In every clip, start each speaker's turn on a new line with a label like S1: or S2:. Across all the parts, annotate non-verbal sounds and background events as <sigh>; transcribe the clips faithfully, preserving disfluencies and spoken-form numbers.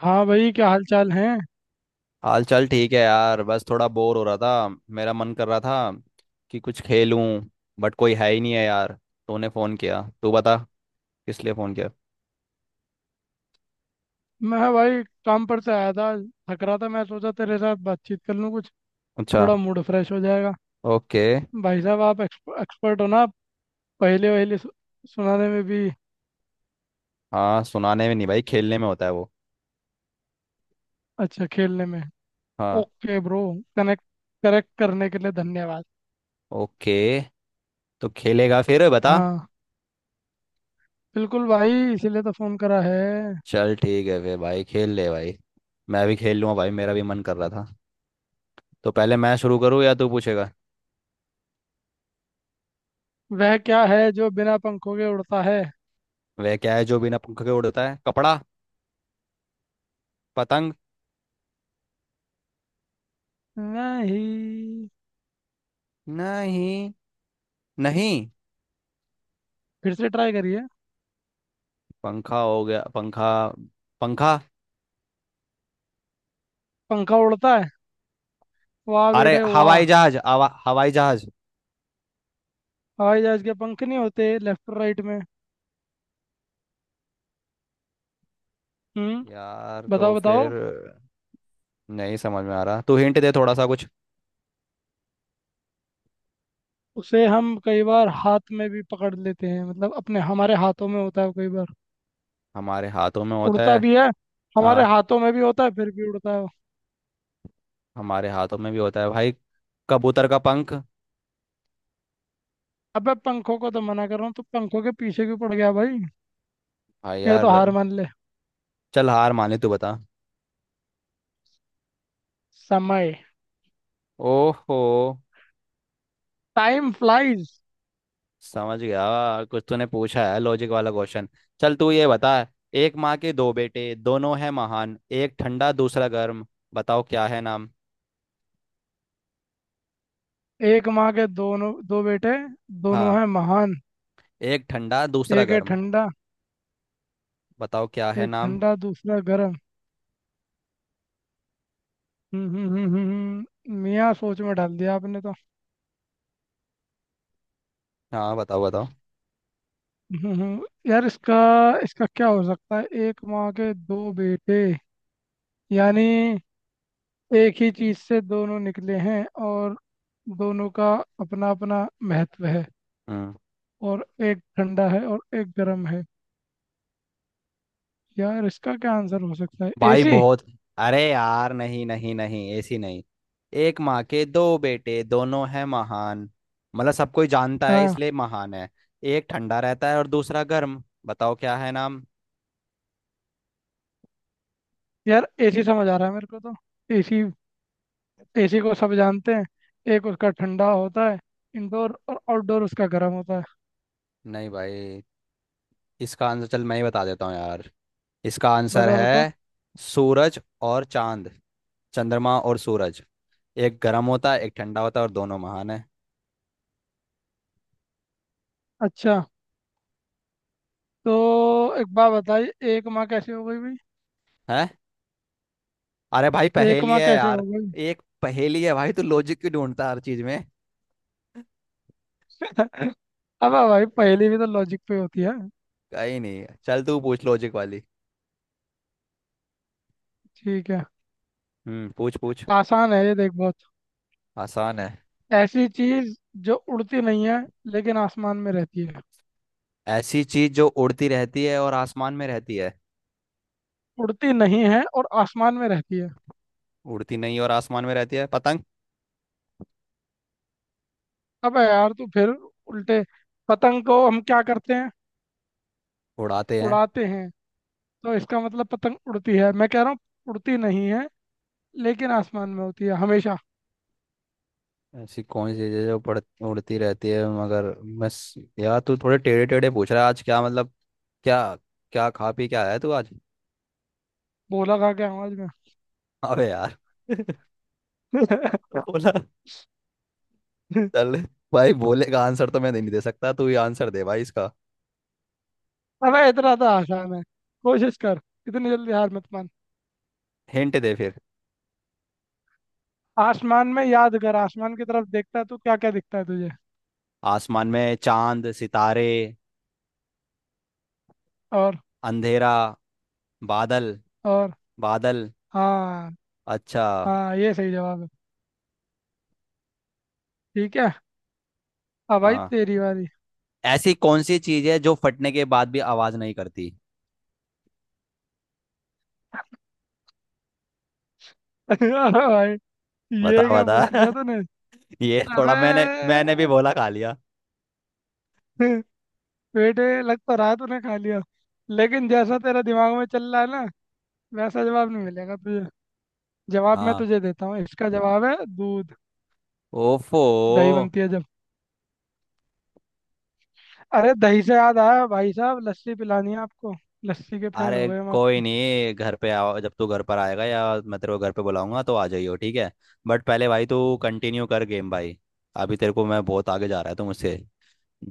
S1: हाँ भाई, क्या हाल चाल है।
S2: हाल चाल ठीक है यार। बस थोड़ा बोर हो रहा था। मेरा मन कर रहा था कि कुछ खेलूं। बट कोई है ही नहीं है यार। तूने फ़ोन किया, तू बता किस लिए फ़ोन किया।
S1: मैं भाई काम पर से आया था। थक रहा था, मैं सोचा तेरे साथ बातचीत कर लूँ कुछ।
S2: अच्छा।
S1: थोड़ा मूड फ्रेश हो जाएगा।
S2: ओके।
S1: भाई साहब आप एक्सपर्ट हो ना आप, पहले वहले सु, सुनाने में भी।
S2: हाँ, सुनाने में नहीं भाई, खेलने में होता है वो।
S1: अच्छा, खेलने में।
S2: हाँ।
S1: Okay bro. कनेक्ट करेक्ट करने के लिए धन्यवाद।
S2: ओके। तो खेलेगा फिर बता।
S1: हाँ बिल्कुल भाई, इसीलिए तो फोन करा है।
S2: चल ठीक है फिर भाई, खेल ले भाई। मैं भी खेल लूँगा भाई, मेरा भी मन कर रहा था। तो पहले मैं शुरू करूँ या तू पूछेगा?
S1: वह क्या है जो बिना पंखों के उड़ता है?
S2: वह क्या है जो बिना पंख के उड़ता है? कपड़ा? पतंग?
S1: नहीं।
S2: नहीं नहीं।
S1: फिर से ट्राई करिए।
S2: पंखा हो गया, पंखा। पंखा।
S1: पंखा उड़ता है? वाह
S2: अरे
S1: बेटे वाह।
S2: हवाई जहाज, हवा हवाई जहाज।
S1: हवाई जहाज के पंख नहीं होते लेफ्ट राइट में। हम्म।
S2: यार तो
S1: बताओ बताओ।
S2: फिर नहीं समझ में आ रहा, तू हिंट दे थोड़ा सा कुछ।
S1: उसे हम कई बार हाथ में भी पकड़ लेते हैं, मतलब अपने हमारे हाथों में होता है वो कई बार।
S2: हमारे हाथों में होता
S1: उड़ता
S2: है?
S1: भी है। हमारे
S2: हाँ
S1: हाथों में भी होता है फिर भी उड़ता है वो।
S2: हमारे हाथों में भी होता है भाई। कबूतर का पंख?
S1: अबे पंखों को तो मना कर रहा हूँ तो पंखों के पीछे क्यों पड़ गया भाई।
S2: भाई
S1: या तो
S2: यार।
S1: हार मान ले।
S2: चल हार माने, तू बता।
S1: समय।
S2: ओहो।
S1: Time flies.
S2: समझ गया, कुछ तूने पूछा है लॉजिक वाला क्वेश्चन। चल तू ये बता। एक माँ के दो बेटे, दोनों हैं महान, एक ठंडा दूसरा गर्म। बताओ क्या है नाम?
S1: एक माँ के दोनों दो बेटे,
S2: हाँ।
S1: दोनों हैं महान।
S2: एक ठंडा दूसरा
S1: एक है
S2: गर्म।
S1: ठंडा
S2: बताओ क्या है
S1: एक
S2: नाम?
S1: ठंडा दूसरा गर्म। हम्म हम्म हम्म हम्म, हम्म। मियाँ सोच में डाल दिया आपने तो।
S2: हाँ, बताओ बताओ।
S1: हम्म, हम्म। यार इसका इसका क्या हो सकता है, एक माँ के दो बेटे, यानी एक ही चीज से दोनों निकले हैं और दोनों का अपना अपना महत्व है।
S2: हम्म।
S1: और एक ठंडा है और एक गर्म है। यार इसका क्या आंसर हो सकता है,
S2: भाई
S1: एसी?
S2: बहुत। अरे यार नहीं नहीं नहीं, ऐसी नहीं। एक माँ के दो बेटे दोनों हैं महान। मतलब सब कोई जानता है
S1: हाँ।
S2: इसलिए महान है। एक ठंडा रहता है और दूसरा गर्म, बताओ क्या है नाम?
S1: यार एसी समझ आ रहा है मेरे को तो। एसी। एसी को सब जानते हैं। एक उसका ठंडा होता है, इंडोर, और आउटडोर उसका गर्म होता है।
S2: नहीं भाई। इसका आंसर चल मैं ही बता देता हूँ यार। इसका आंसर
S1: बता बता।
S2: है सूरज और चांद, चंद्रमा और सूरज। एक गर्म होता है, एक ठंडा होता है, और दोनों महान है।
S1: अच्छा। तो एक बात बताइए, एक माँ कैसे हो गई भाई।
S2: है। अरे भाई
S1: एक
S2: पहेली
S1: माह
S2: है
S1: कैसे
S2: यार।
S1: हो गई।
S2: एक पहेली है भाई, तू लॉजिक क्यों ढूंढता है हर चीज में।
S1: अब भाई पहेली भी तो लॉजिक पे होती है।
S2: कहीं नहीं है। चल तू पूछ लॉजिक वाली।
S1: ठीक है।
S2: हम्म पूछ पूछ।
S1: आसान है ये देख, बहुत।
S2: आसान है।
S1: ऐसी चीज जो उड़ती नहीं है लेकिन आसमान में रहती है।
S2: ऐसी चीज जो उड़ती रहती है और आसमान में रहती है?
S1: उड़ती नहीं है और आसमान में रहती है।
S2: उड़ती नहीं और आसमान में रहती है, पतंग?
S1: अब यार तू फिर उल्टे। पतंग को हम क्या करते हैं?
S2: उड़ाते हैं।
S1: उड़ाते हैं। तो इसका मतलब पतंग उड़ती है, मैं कह रहा हूँ उड़ती नहीं है लेकिन आसमान में होती है हमेशा।
S2: ऐसी कौन सी चीज है जो पड़ उड़ती रहती है मगर, बस। यार तू थोड़े टेढ़े टेढ़े पूछ रहा है आज, क्या मतलब? क्या क्या खा पी क्या आया तू आज?
S1: बोला खा के आवाज में।
S2: अबे यार। <laughs>
S1: <laughs>
S2: बोला। चल भाई, बोलेगा आंसर तो मैं नहीं दे सकता, तू ही आंसर दे भाई इसका।
S1: अबे इतना तो आसान है, कोशिश कर। इतनी जल्दी हार मत मान।
S2: हिंट दे फिर।
S1: आसमान में याद कर, आसमान की तरफ देखता है तो क्या क्या दिखता है तुझे?
S2: आसमान में चांद सितारे,
S1: और।
S2: अंधेरा, बादल।
S1: और।
S2: बादल।
S1: हाँ
S2: अच्छा।
S1: हाँ, ये सही जवाब है। ठीक है। अब भाई
S2: हाँ।
S1: तेरी बारी।
S2: ऐसी कौन सी चीज है जो फटने के बाद भी आवाज नहीं करती?
S1: <laughs> अरे भाई,
S2: बता
S1: ये क्या पूछ
S2: बता।
S1: लिया तूने।
S2: <laughs> ये थोड़ा मैंने
S1: अबे
S2: मैंने भी बोला खा लिया।
S1: बेटे, लग तो रहा है तूने खा लिया। लेकिन जैसा तेरा दिमाग में चल रहा है ना, वैसा जवाब नहीं मिलेगा तुझे। जवाब मैं
S2: हाँ।
S1: तुझे देता हूँ, इसका जवाब है दूध।
S2: ओफो।
S1: दही बनती है जब। अरे दही से याद आया भाई साहब, लस्सी पिलानी है आपको। लस्सी के फैन हो
S2: अरे
S1: गए हम
S2: कोई
S1: आपकी।
S2: नहीं, घर पे आओ जब तू घर पर आएगा, या मैं तेरे को घर पे बुलाऊंगा तो आ जाइयो, ठीक है। बट पहले भाई तू कंटिन्यू कर गेम भाई। अभी तेरे को मैं बहुत आगे जा रहा है तो मुझसे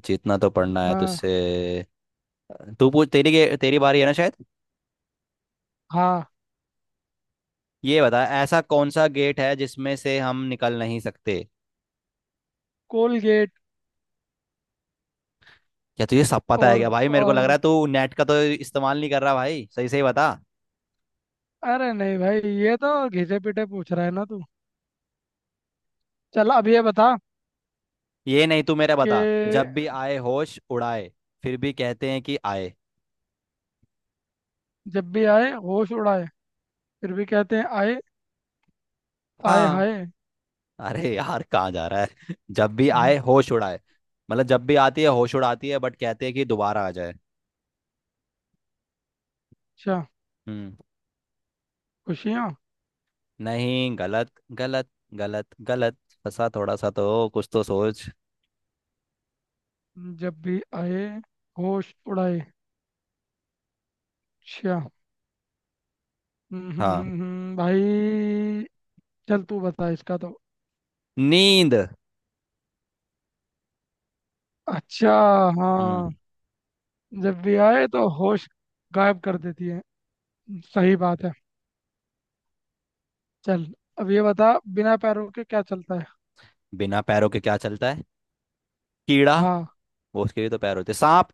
S2: जीतना तो पड़ना है
S1: हाँ
S2: तुझसे। तू पूछ, तेरी गे- तेरी बारी है ना शायद।
S1: हाँ।
S2: ये बता, ऐसा कौन सा गेट है जिसमें से हम निकल नहीं सकते?
S1: कोलगेट।
S2: क्या तुझे सब पता है क्या
S1: और
S2: भाई? मेरे को लग रहा
S1: और
S2: है तू नेट का तो इस्तेमाल नहीं कर रहा भाई, सही सही बता।
S1: अरे नहीं भाई, ये तो घिसे पीटे पूछ रहा है ना तू। चल अब ये बता
S2: ये नहीं, तू मेरा
S1: कि
S2: बता। जब भी आए होश उड़ाए, फिर भी कहते हैं कि आए।
S1: जब भी आए होश उड़ाए, फिर भी कहते हैं आए। आए
S2: हाँ।
S1: हाय।
S2: अरे यार कहाँ जा रहा है। <laughs> जब भी
S1: हम्म,
S2: आए होश उड़ाए, मतलब जब भी आती है होश उड़ाती है, बट कहते हैं कि दोबारा आ जाए।
S1: अच्छा।
S2: हम्म।
S1: खुशियाँ।
S2: नहीं, गलत। गलत गलत गलत। फंसा थोड़ा सा तो, कुछ तो सोच।
S1: जब भी आए होश उड़ाए। अच्छा। हम्म, हम्म,
S2: हाँ।
S1: हम्म, हम्म, भाई। चल तू बता इसका तो।
S2: नींद।
S1: अच्छा। हाँ।
S2: हम्म।
S1: जब भी आए तो होश गायब कर देती है। सही बात है। चल अब ये बता, बिना पैरों के क्या चलता है।
S2: बिना पैरों के क्या चलता है? कीड़ा।
S1: हाँ।
S2: वो उसके भी तो पैर होते हैं। सांप।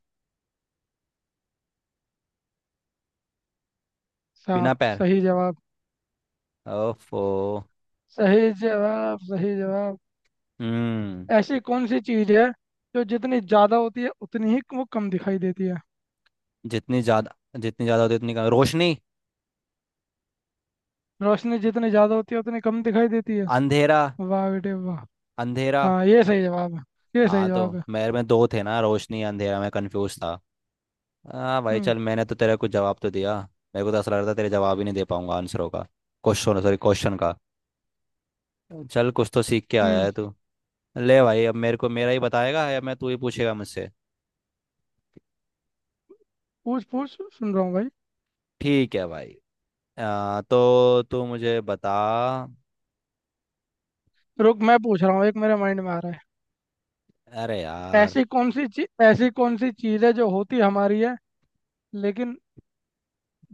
S2: बिना
S1: सांप,
S2: पैर।
S1: सही जवाब।
S2: ओफो।
S1: सही जवाब, सही जवाब।
S2: हम्म।
S1: ऐसी कौन सी चीज है जो जितनी ज्यादा होती है उतनी ही वो कम दिखाई देती है।
S2: जितनी ज्यादा, जितनी ज्यादा होती है, उतनी कम रोशनी?
S1: रोशनी जितनी ज्यादा होती है उतनी कम दिखाई देती है।
S2: अंधेरा।
S1: वाह बेटे वाह।
S2: अंधेरा।
S1: हाँ ये सही जवाब है। ये सही
S2: हाँ तो
S1: जवाब है।
S2: मेरे में दो थे ना, रोशनी अंधेरा, मैं कंफ्यूज था। हाँ भाई,
S1: हम्म।
S2: चल मैंने तो तेरा कुछ जवाब तो दिया। मेरे को तो ऐसा लग रहा था तेरे जवाब ही नहीं दे पाऊंगा आंसरों का, क्वेश्चन, सॉरी क्वेश्चन का। चल कुछ तो सीख के आया
S1: हम्म
S2: है तू। ले भाई, अब मेरे को मेरा ही बताएगा या मैं, तू ही पूछेगा मुझसे?
S1: पूछ पूछ, सुन रहा हूँ भाई।
S2: ठीक है भाई। आ, तो तू मुझे बता।
S1: रुक, मैं पूछ रहा हूँ, एक मेरे माइंड में आ रहा है।
S2: अरे यार।
S1: ऐसी कौन सी चीज ऐसी कौन सी चीज है जो होती हमारी है, लेकिन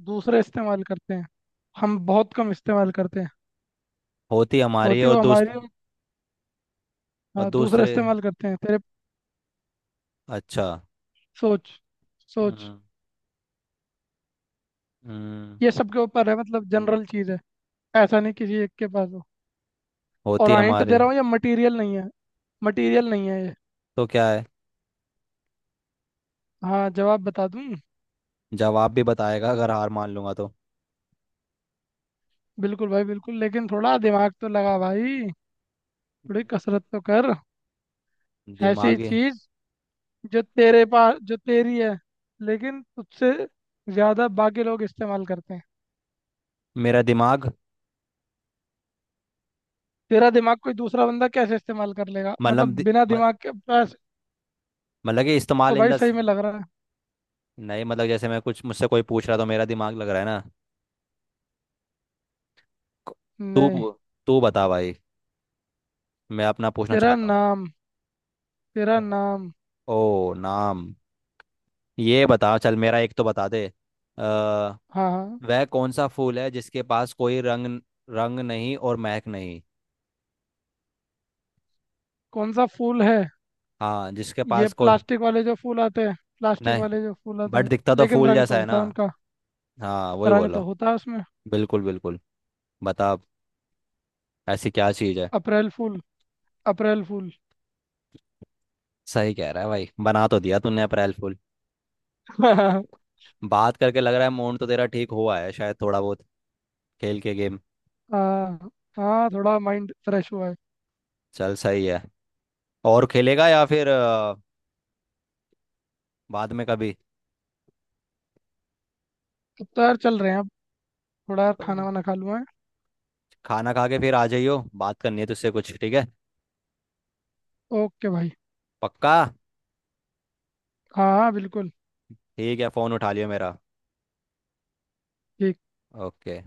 S1: दूसरे इस्तेमाल करते हैं। हम बहुत कम इस्तेमाल करते हैं।
S2: होती हमारी है
S1: होती
S2: और
S1: वो
S2: दूस
S1: हमारी है,
S2: और
S1: हाँ, दूसरा
S2: दूसरे।
S1: इस्तेमाल करते हैं तेरे।
S2: अच्छा।
S1: सोच सोच।
S2: हम्म। हम्म,
S1: ये सबके ऊपर है, मतलब जनरल चीज है। ऐसा नहीं किसी एक के पास हो। और
S2: होती
S1: हिंट दे
S2: हमारी।
S1: रहा हूँ, ये मटेरियल नहीं है। मटेरियल नहीं है ये।
S2: तो क्या है?
S1: हाँ, जवाब बता दूं।
S2: जवाब भी बताएगा अगर हार मान लूंगा तो?
S1: बिल्कुल भाई बिल्कुल, लेकिन थोड़ा दिमाग तो लगा भाई। थोड़ी कसरत तो कर। ऐसी
S2: दिमागी।
S1: चीज जो तेरे पास, जो तेरी है, लेकिन तुझसे ज्यादा बाकी लोग इस्तेमाल करते हैं।
S2: मेरा दिमाग।
S1: तेरा दिमाग कोई दूसरा बंदा कैसे इस्तेमाल कर लेगा,
S2: मतलब
S1: मतलब
S2: दि,
S1: बिना
S2: म-
S1: दिमाग के पास।
S2: मतलब कि
S1: तो
S2: इस्तेमाल इन
S1: भाई,
S2: द।
S1: सही में लग रहा है।
S2: नहीं मतलब जैसे मैं कुछ मुझसे कोई पूछ रहा तो मेरा दिमाग लग रहा है ना। तू
S1: नहीं।
S2: पू- तू बता भाई, मैं अपना पूछना
S1: तेरा
S2: चाहता
S1: नाम, तेरा
S2: हूँ।
S1: नाम।
S2: ओ नाम। ये बता, चल मेरा एक तो बता दे। अ,
S1: हाँ हाँ।
S2: वह कौन सा फूल है जिसके पास कोई रंग, रंग नहीं और महक नहीं?
S1: कौन सा फूल है?
S2: हाँ, जिसके
S1: ये
S2: पास कोई
S1: प्लास्टिक वाले जो फूल आते हैं। प्लास्टिक
S2: नहीं।
S1: वाले जो फूल आते
S2: बट
S1: हैं।
S2: दिखता तो
S1: लेकिन
S2: फूल
S1: रंग तो
S2: जैसा है
S1: होता
S2: ना?
S1: है उनका।
S2: हाँ वही
S1: रंग
S2: बोलो।
S1: तो होता है उसमें।
S2: बिल्कुल बिल्कुल। बता अब, ऐसी क्या चीज है?
S1: अप्रैल फूल। अप्रैल फूल।
S2: सही कह रहा है भाई, बना तो दिया तूने अप्रैल फूल।
S1: <laughs>
S2: बात करके लग रहा है मूड तो तेरा ठीक हुआ है शायद थोड़ा बहुत, खेल के गेम।
S1: हाँ। हाँ, थोड़ा माइंड फ्रेश हुआ है।
S2: चल सही है। और खेलेगा या फिर अ, बाद में कभी?
S1: अब तो यार चल रहे हैं अब। थोड़ा यार खाना वाना खा लूँ।
S2: खाना खा के फिर आ जाइयो, बात करनी है तुझसे कुछ, ठीक है?
S1: ओके भाई।
S2: पक्का?
S1: हाँ हाँ बिल्कुल।
S2: ठीक है, फोन उठा लियो मेरा।
S1: ठीक।
S2: ओके।